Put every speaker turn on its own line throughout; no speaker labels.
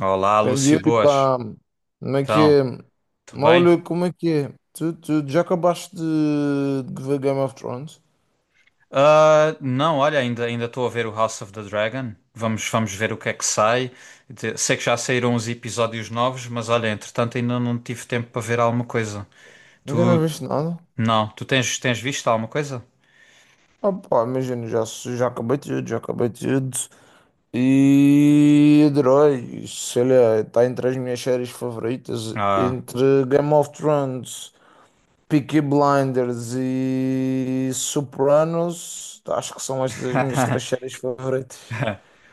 Olá,
Ben
Lúcio
diyorum
Boas.
pá, como é que é?
Então, tudo
Mas olha,
bem?
como é que é? Tu já acabaste de ver Game of Thrones?
Ah, não, olha, ainda estou a ver o House of the Dragon. Vamos ver o que é que sai. Sei que já saíram uns episódios novos, mas olha, entretanto ainda não tive tempo para ver alguma coisa.
Ainda não
Tu,
viste nada?
não, tu tens visto alguma coisa?
Ah pá, imagina, já acabei tudo, já acabei tudo. E adorei, sei lá, está entre as minhas séries favoritas,
Ah.
entre Game of Thrones, Peaky Blinders e Sopranos, acho que são estas as minhas três séries favoritas.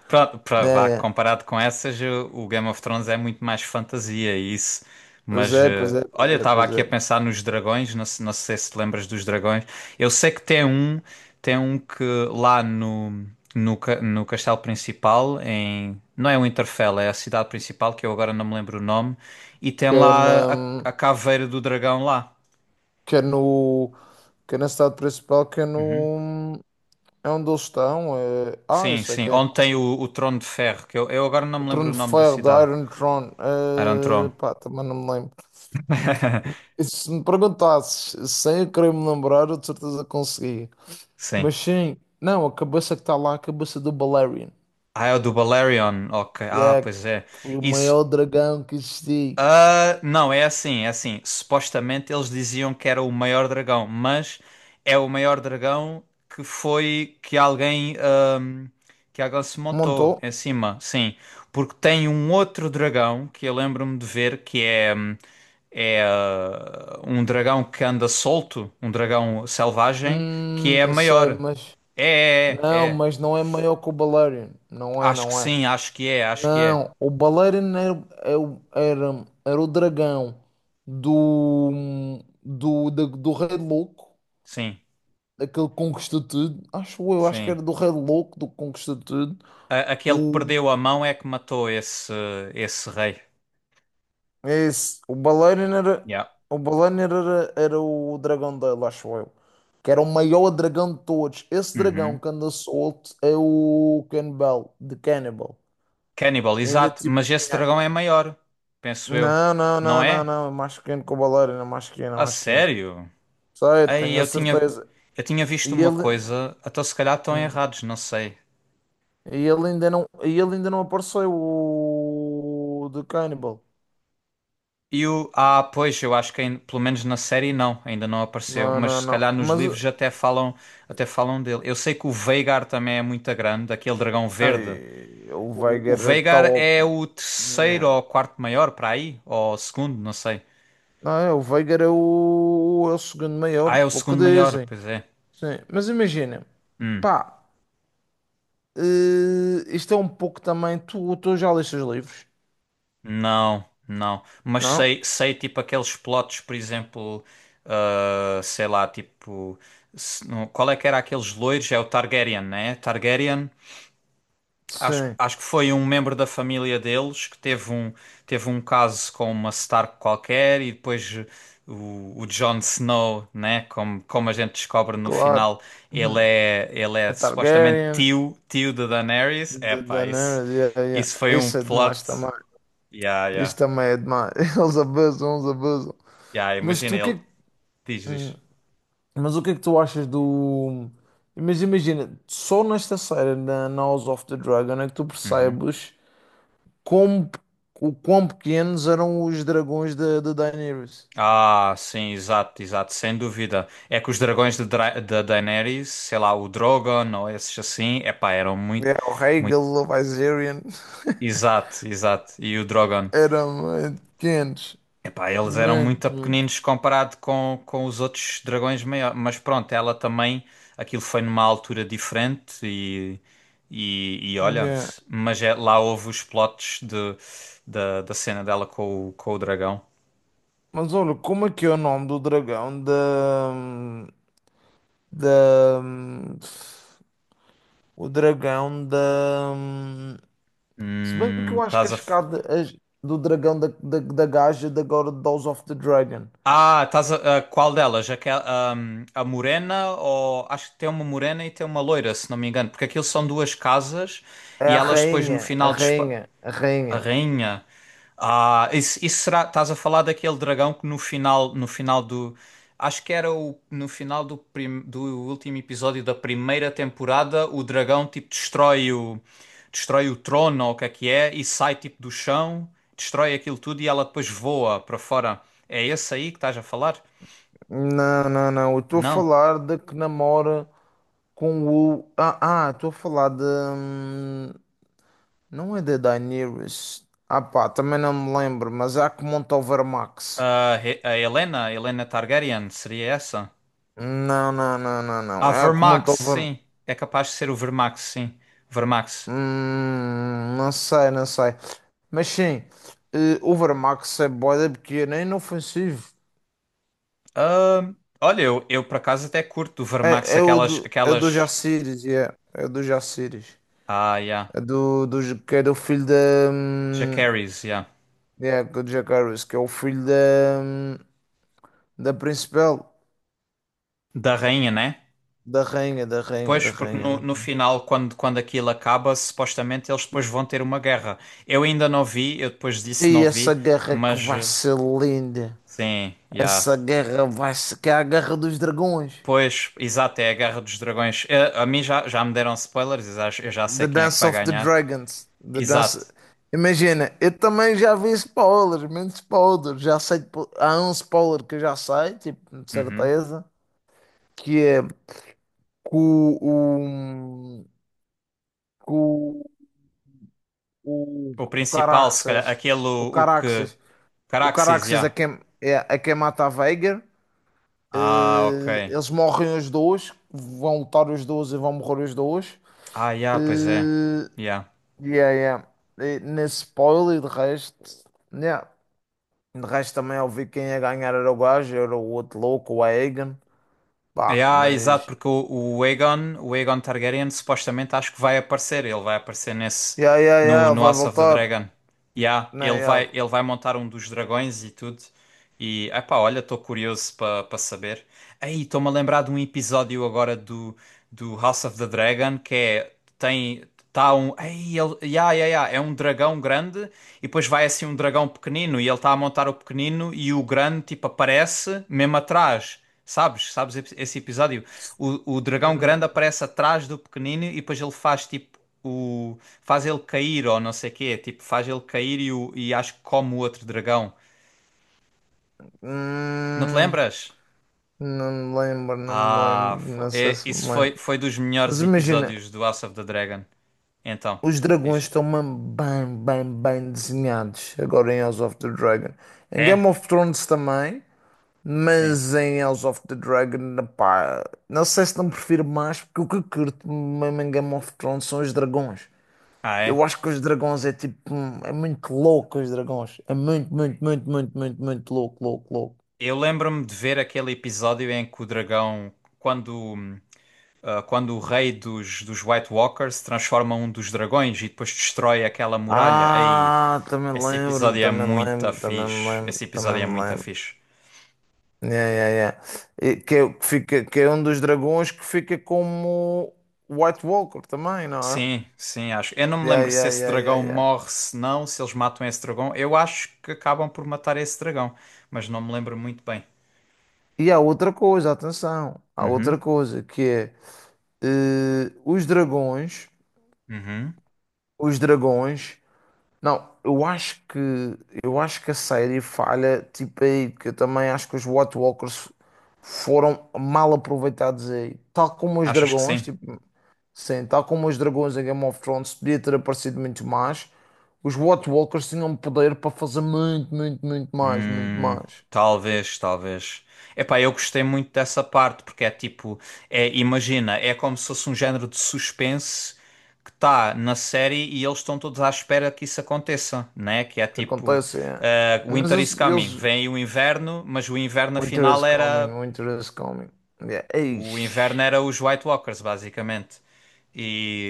Pronto, pra, vá,
É, é.
comparado com essas, o Game of Thrones é muito mais fantasia e isso.
Pois
Mas
é, pois é, pois
olha, eu
é,
estava
pois
aqui
é.
a pensar nos dragões, não, não sei se te lembras dos dragões. Eu sei que tem um que lá no, no, no castelo principal, em, não é Winterfell, é a cidade principal, que eu agora não me lembro o nome, e tem
quer na,
lá a caveira do dragão lá.
quer no, Quer na cidade principal, quer
Uhum.
no, é onde eles estão.
Sim,
Isso é
sim,
que é
onde tem o trono de ferro, que eu agora não
o
me lembro
Trono
o
de
nome da
Ferro, da
cidade.
Iron Throne.
Era um trono.
Pá, também não me lembro. E se me perguntasses, sem eu querer me lembrar, eu de certeza conseguia.
Sim.
Mas sim, não, a cabeça que está lá é a cabeça do Balerion.
Ah, é o do Balerion. Ok. Ah,
É,
pois é.
foi o
Isso.
maior dragão que existiu.
Ah, não, é assim, é assim. Supostamente eles diziam que era o maior dragão, mas é o maior dragão que foi que alguém se
Montou?
montou em cima, sim. Porque tem um outro dragão que eu lembro-me de ver que é é um dragão que anda solto, um dragão selvagem que é
Eu sei,
maior.
mas.
É, é, é.
Não,
É.
mas não é maior que o Balerion. Não é,
Acho que
não é.
sim, acho que é, acho que é.
Não, o baleirão era, é, era, era o dragão do, do Rei Louco,
Sim.
aquele que conquistou tudo. Acho eu, acho que
Sim.
era do Rei Louco, do que conquistou tudo.
Aquele que
O,
perdeu a mão é que matou esse, esse rei.
É esse,
Yeah.
o baleirão era, era o dragão dele, acho eu. Que era o maior dragão de todos. Esse dragão
Uhum.
que anda solto é o Cannibal, de Cannibal.
Cannibal,
Ainda
exato.
tipo.
Mas esse
Yeah.
dragão é maior, penso eu.
Não, não,
Não
não, não,
é?
não. É mais pequeno que o baleirão, é mais pequeno, é
A
mais pequeno.
sério?
Sei,
Aí
tenho a certeza.
eu tinha visto
E
uma
ele,
coisa, até se calhar estão
Hum.
errados, não sei.
E ele ainda não, e ele ainda não apareceu, o The Cannibal.
E o. Ah, pois, eu acho que pelo menos na série não, ainda não apareceu.
Não,
Mas
não,
se
não.
calhar nos
Mas
livros até falam dele. Eu sei que o Veigar também é muito grande, aquele dragão verde.
ai, o
O
Veigar está
Veigar
ao...
é o terceiro
né.
ou quarto maior para aí? Ou o segundo, não sei.
Não, é, o Veigar é o, é o segundo
Ah,
maior,
é o
pelo que
segundo maior,
dizem.
pois é.
Sim, mas imagina,
Hum,
pá, eh, isto é um pouco também. Tu já leste os livros?
não, não. Mas
Não?
sei, sei tipo aqueles plotos, por exemplo, ah, sei lá, tipo. Qual é que era aqueles loiros? É o Targaryen, né? Targaryen. Acho,
Sim,
acho que foi um membro da família deles que teve um caso com uma Stark qualquer e depois o Jon Snow, né? Como, como a gente descobre no
claro.
final,
Uhum.
ele é
A
supostamente
Targaryen.
tio, tio de Daenerys. Epá, isso,
Daenerys, yeah, yeah.
isso foi um
Isso é
plot.
demais também.
Yeah,
Isso
yeah.
também é demais. Eles abusam, eles abusam.
Yeah,
Mas
imagina
tu o que é
ele.
que...
Diz,
hum,
diz.
Mas o que é que tu achas do... Mas imagina, só nesta série da House of the Dragon é que tu
Uhum.
percebes como, o quão pequenos eram os dragões da Daenerys.
Ah, sim, exato, exato, sem dúvida. É que os dragões de, da Daenerys, sei lá, o Drogon ou esses assim, epá, eram
É,
muito.
o
Muito
Rhaegal, o Viserion
exato, exato. E o Drogon.
eram muito pequenos.
Epá, eles eram
Muito,
muito
muito.
pequeninos comparado com os outros dragões maiores. Mas pronto, ela também. Aquilo foi numa altura diferente e. E, e olha,
Yeah.
lá houve os plots de, da, da cena dela com o dragão.
Mas olha, como é que é o nome do dragão da o dragão da hum, se bem que eu acho que
Estás a.
do dragão da da gaja da God of Dolls of the Dragon,
Ah, estás a. A qual delas? Aquela, a morena ou. Acho que tem uma morena e tem uma loira, se não me engano. Porque aquilo são duas casas
é
e
a
elas depois no
rainha, a
final.
rainha, a
A
rainha.
rainha. Ah, isso será. Estás a falar daquele dragão que no final, no final do. Acho que era o, no final do, do último episódio da primeira temporada, o dragão tipo destrói o, destrói o trono ou o que é e sai tipo do chão, destrói aquilo tudo e ela depois voa para fora. É esse aí que estás a falar?
Não, não, não, eu estou a
Não.
falar de que namora com o estou a falar de não é da Daenerys, ah pá, também não me lembro, mas é a que monta o Vermax.
Ah, a Helena, Helena Targaryen, seria essa?
Não, não, não, não,
Ah,
não, é a que
Vermax,
monta
sim. É capaz de ser o Vermax, sim. Vermax.
hum, não sei, não sei. Mas sim, eh, o Overmax é boeda pequena, é inofensivo.
Ahm, olha, eu por acaso até curto do Vermax
É,
aquelas,
é o do
aquelas,
Jaciris, yeah. É o do Jaciris.
ah, yeah,
É do, que é do filho da. hum,
Jacaerys, yeah,
Yeah, do Jack Harris, que é o filho da. hum, Da principal.
da rainha, né?
Da rainha, da rainha, da
Pois, porque
rainha.
no,
Da-
no final, quando, quando aquilo acaba, supostamente eles depois vão ter uma guerra. Eu ainda não vi, eu depois disse
E
não
essa
vi,
guerra é que
mas
vai ser linda.
sim, já.
Essa guerra vai ser. Que é a guerra dos dragões.
Pois, exato, é a Guerra dos Dragões. Eh, a mim já, já me deram spoilers, eu já sei
The
quem é que
Dance
vai
of the
ganhar.
Dragons. The Dance...
Exato.
Imagina, eu também já vi spoilers, menos spoilers. Já sei, tipo, há um spoiler que eu já sei, tipo, de
Uhum.
certeza, que é que que o,
O
o
principal, se calhar,
Caraxes,
aquele
o
o que...
Caraxes, o
Caraxes,
Caraxes é
já.
quem, é, é quem mata a Veigar.
Ah, ok.
Eh, eles morrem os dois, vão lutar os dois e vão morrer os dois.
Ah, yeah, pois é.
Eh,
Yeah.
yeah, yeah. E nesse spoiler, de resto, yeah. De resto também ouvi quem ia ganhar era o gajo, era o outro louco, o Egan. Pá,
Yeah, exato,
mas.
porque o Aegon Targaryen, supostamente acho que vai aparecer. Ele vai aparecer nesse
Yeah, yeah, yeah,
no,
ele
no
vai
House of the
voltar.
Dragon. Yeah,
Não, yeah.
ele vai montar um dos dragões e tudo. E epá, olha, estou curioso para para saber. Aí, estou-me a lembrar de um episódio agora do, do House of the Dragon que é tem tá um, ei, ele, yeah, yeah, yeah, é um dragão grande. E depois vai assim um dragão pequenino e ele está a montar o pequenino e o grande tipo aparece mesmo atrás. Sabes? Sabes esse episódio? O dragão grande
Hum,
aparece atrás do pequenino e depois ele faz tipo o faz ele cair ou não sei quê, tipo faz ele cair e, o, e acho que come o outro dragão. Não te
hum,
lembras?
não me lembro, não me
Ah,
lembro, não sei se me
isso
lembro.
foi foi dos
Mas
melhores
imagina,
episódios do House of the Dragon. Então,
os dragões
diz.
estão mesmo bem, bem, bem desenhados agora em House of the Dragon. Em Game
É?
of Thrones também.
Sim.
Mas em House of the Dragon, pá, não sei se não prefiro mais, porque o que eu curto mesmo em Game of Thrones são os dragões.
Ah,
Eu
é?
acho que os dragões é tipo, é muito louco os dragões. É muito, muito, muito, muito, muito, muito louco, louco, louco.
Eu lembro-me de ver aquele episódio em que o dragão, quando, ah, quando o rei dos, dos White Walkers transforma um dos dragões e depois destrói aquela muralha. Aí,
Ah, também
esse
lembro-me,
episódio é
também
muito
lembro, também me
fixe.
lembro,
Esse
também
episódio é
me
muito
lembro.
fixe.
Yeah, yeah, yeah. E que, é, o que fica, que é um dos dragões que fica como White Walker também, não é?
Sim, sim, acho. Eu não me
Yeah,
lembro se
yeah,
esse
yeah, yeah,
dragão
yeah.
morre, se não, se eles matam esse dragão. Eu acho que acabam por matar esse dragão, mas não me lembro muito bem.
E há outra coisa, atenção, há
Uhum,
outra coisa que é eh, os dragões,
uhum.
os dragões. Não, eu acho que a série falha tipo aí, porque eu também acho que os White Walkers foram mal aproveitados aí, tal como os
Achas que
dragões,
sim?
tipo, sim, tal como os dragões em Game of Thrones podia ter aparecido muito mais. Os White Walkers tinham poder para fazer muito, muito, muito mais, muito
Hum,
mais.
talvez, talvez. Epá, eu gostei muito dessa parte, porque é tipo, é, imagina, é como se fosse um género de suspense que está na série e eles estão todos à espera que isso aconteça, né? Que é
O que
tipo,
acontece é,
eh,
mas
Winter is
eles,
coming,
eles
vem aí o inverno, mas o inverno
winter
afinal
is
era,
coming, winter is coming. Yeah.
o inverno
Eish.
era os White Walkers, basicamente.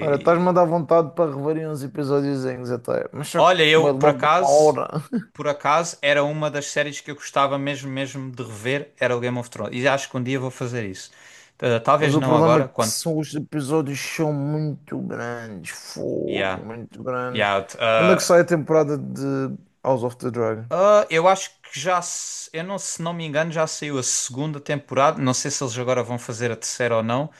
Ora, estás-me a dar vontade para reverem uns episódiozinhos até. Mas só que
olha,
é
eu por
logo uma
acaso.
hora.
Por acaso, era uma das séries que eu gostava mesmo, mesmo de rever, era o Game of Thrones. E acho que um dia vou fazer isso.
Mas
Talvez
o
não
problema é
agora,
que
quando...
são, os episódios são muito grandes. Fogo,
Yeah.
muito grandes.
Yeah.
Quando é que sai a temporada de House of the Dragon?
Eu acho que já... Eu não, se não me engano, já saiu a segunda temporada. Não sei se eles agora vão fazer a terceira ou não.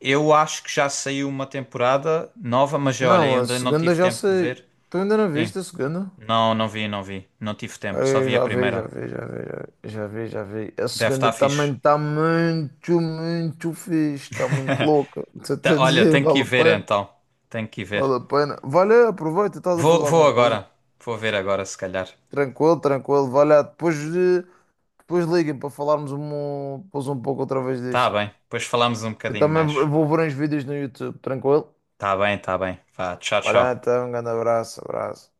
Eu acho que já saiu uma temporada nova, mas olha,
Não,
eu
a
ainda não
segunda
tive
já
tempo de
sei.
ver.
Tu ainda não
Sim.
viste a segunda?
Não, não vi, não vi. Não tive tempo, só
Eu
vi a
já vi, já
primeira.
vi, já vi, já vi, já vi, já vi. A
Deve
segunda
estar
também
fixe.
está muito, muito fixe, está muito louca. Estou até a
Olha,
dizer,
tenho que ir
vale a
ver
pena,
então. Tenho que ir ver.
vale a pena. Vale, aproveita, estás a
Vou,
fazer
vou
alguma
agora.
coisa.
Vou ver agora, se calhar.
Tranquilo, tranquilo, vai lá. Depois, depois liguem para falarmos um, depois um pouco outra vez
Tá
disto.
bem. Depois falamos um
Eu
bocadinho
também
mais.
vou ver uns vídeos no YouTube, tranquilo?
Tá bem, tá bem. Vá, tchau,
Vai lá,
tchau.
então, um grande abraço, abraço.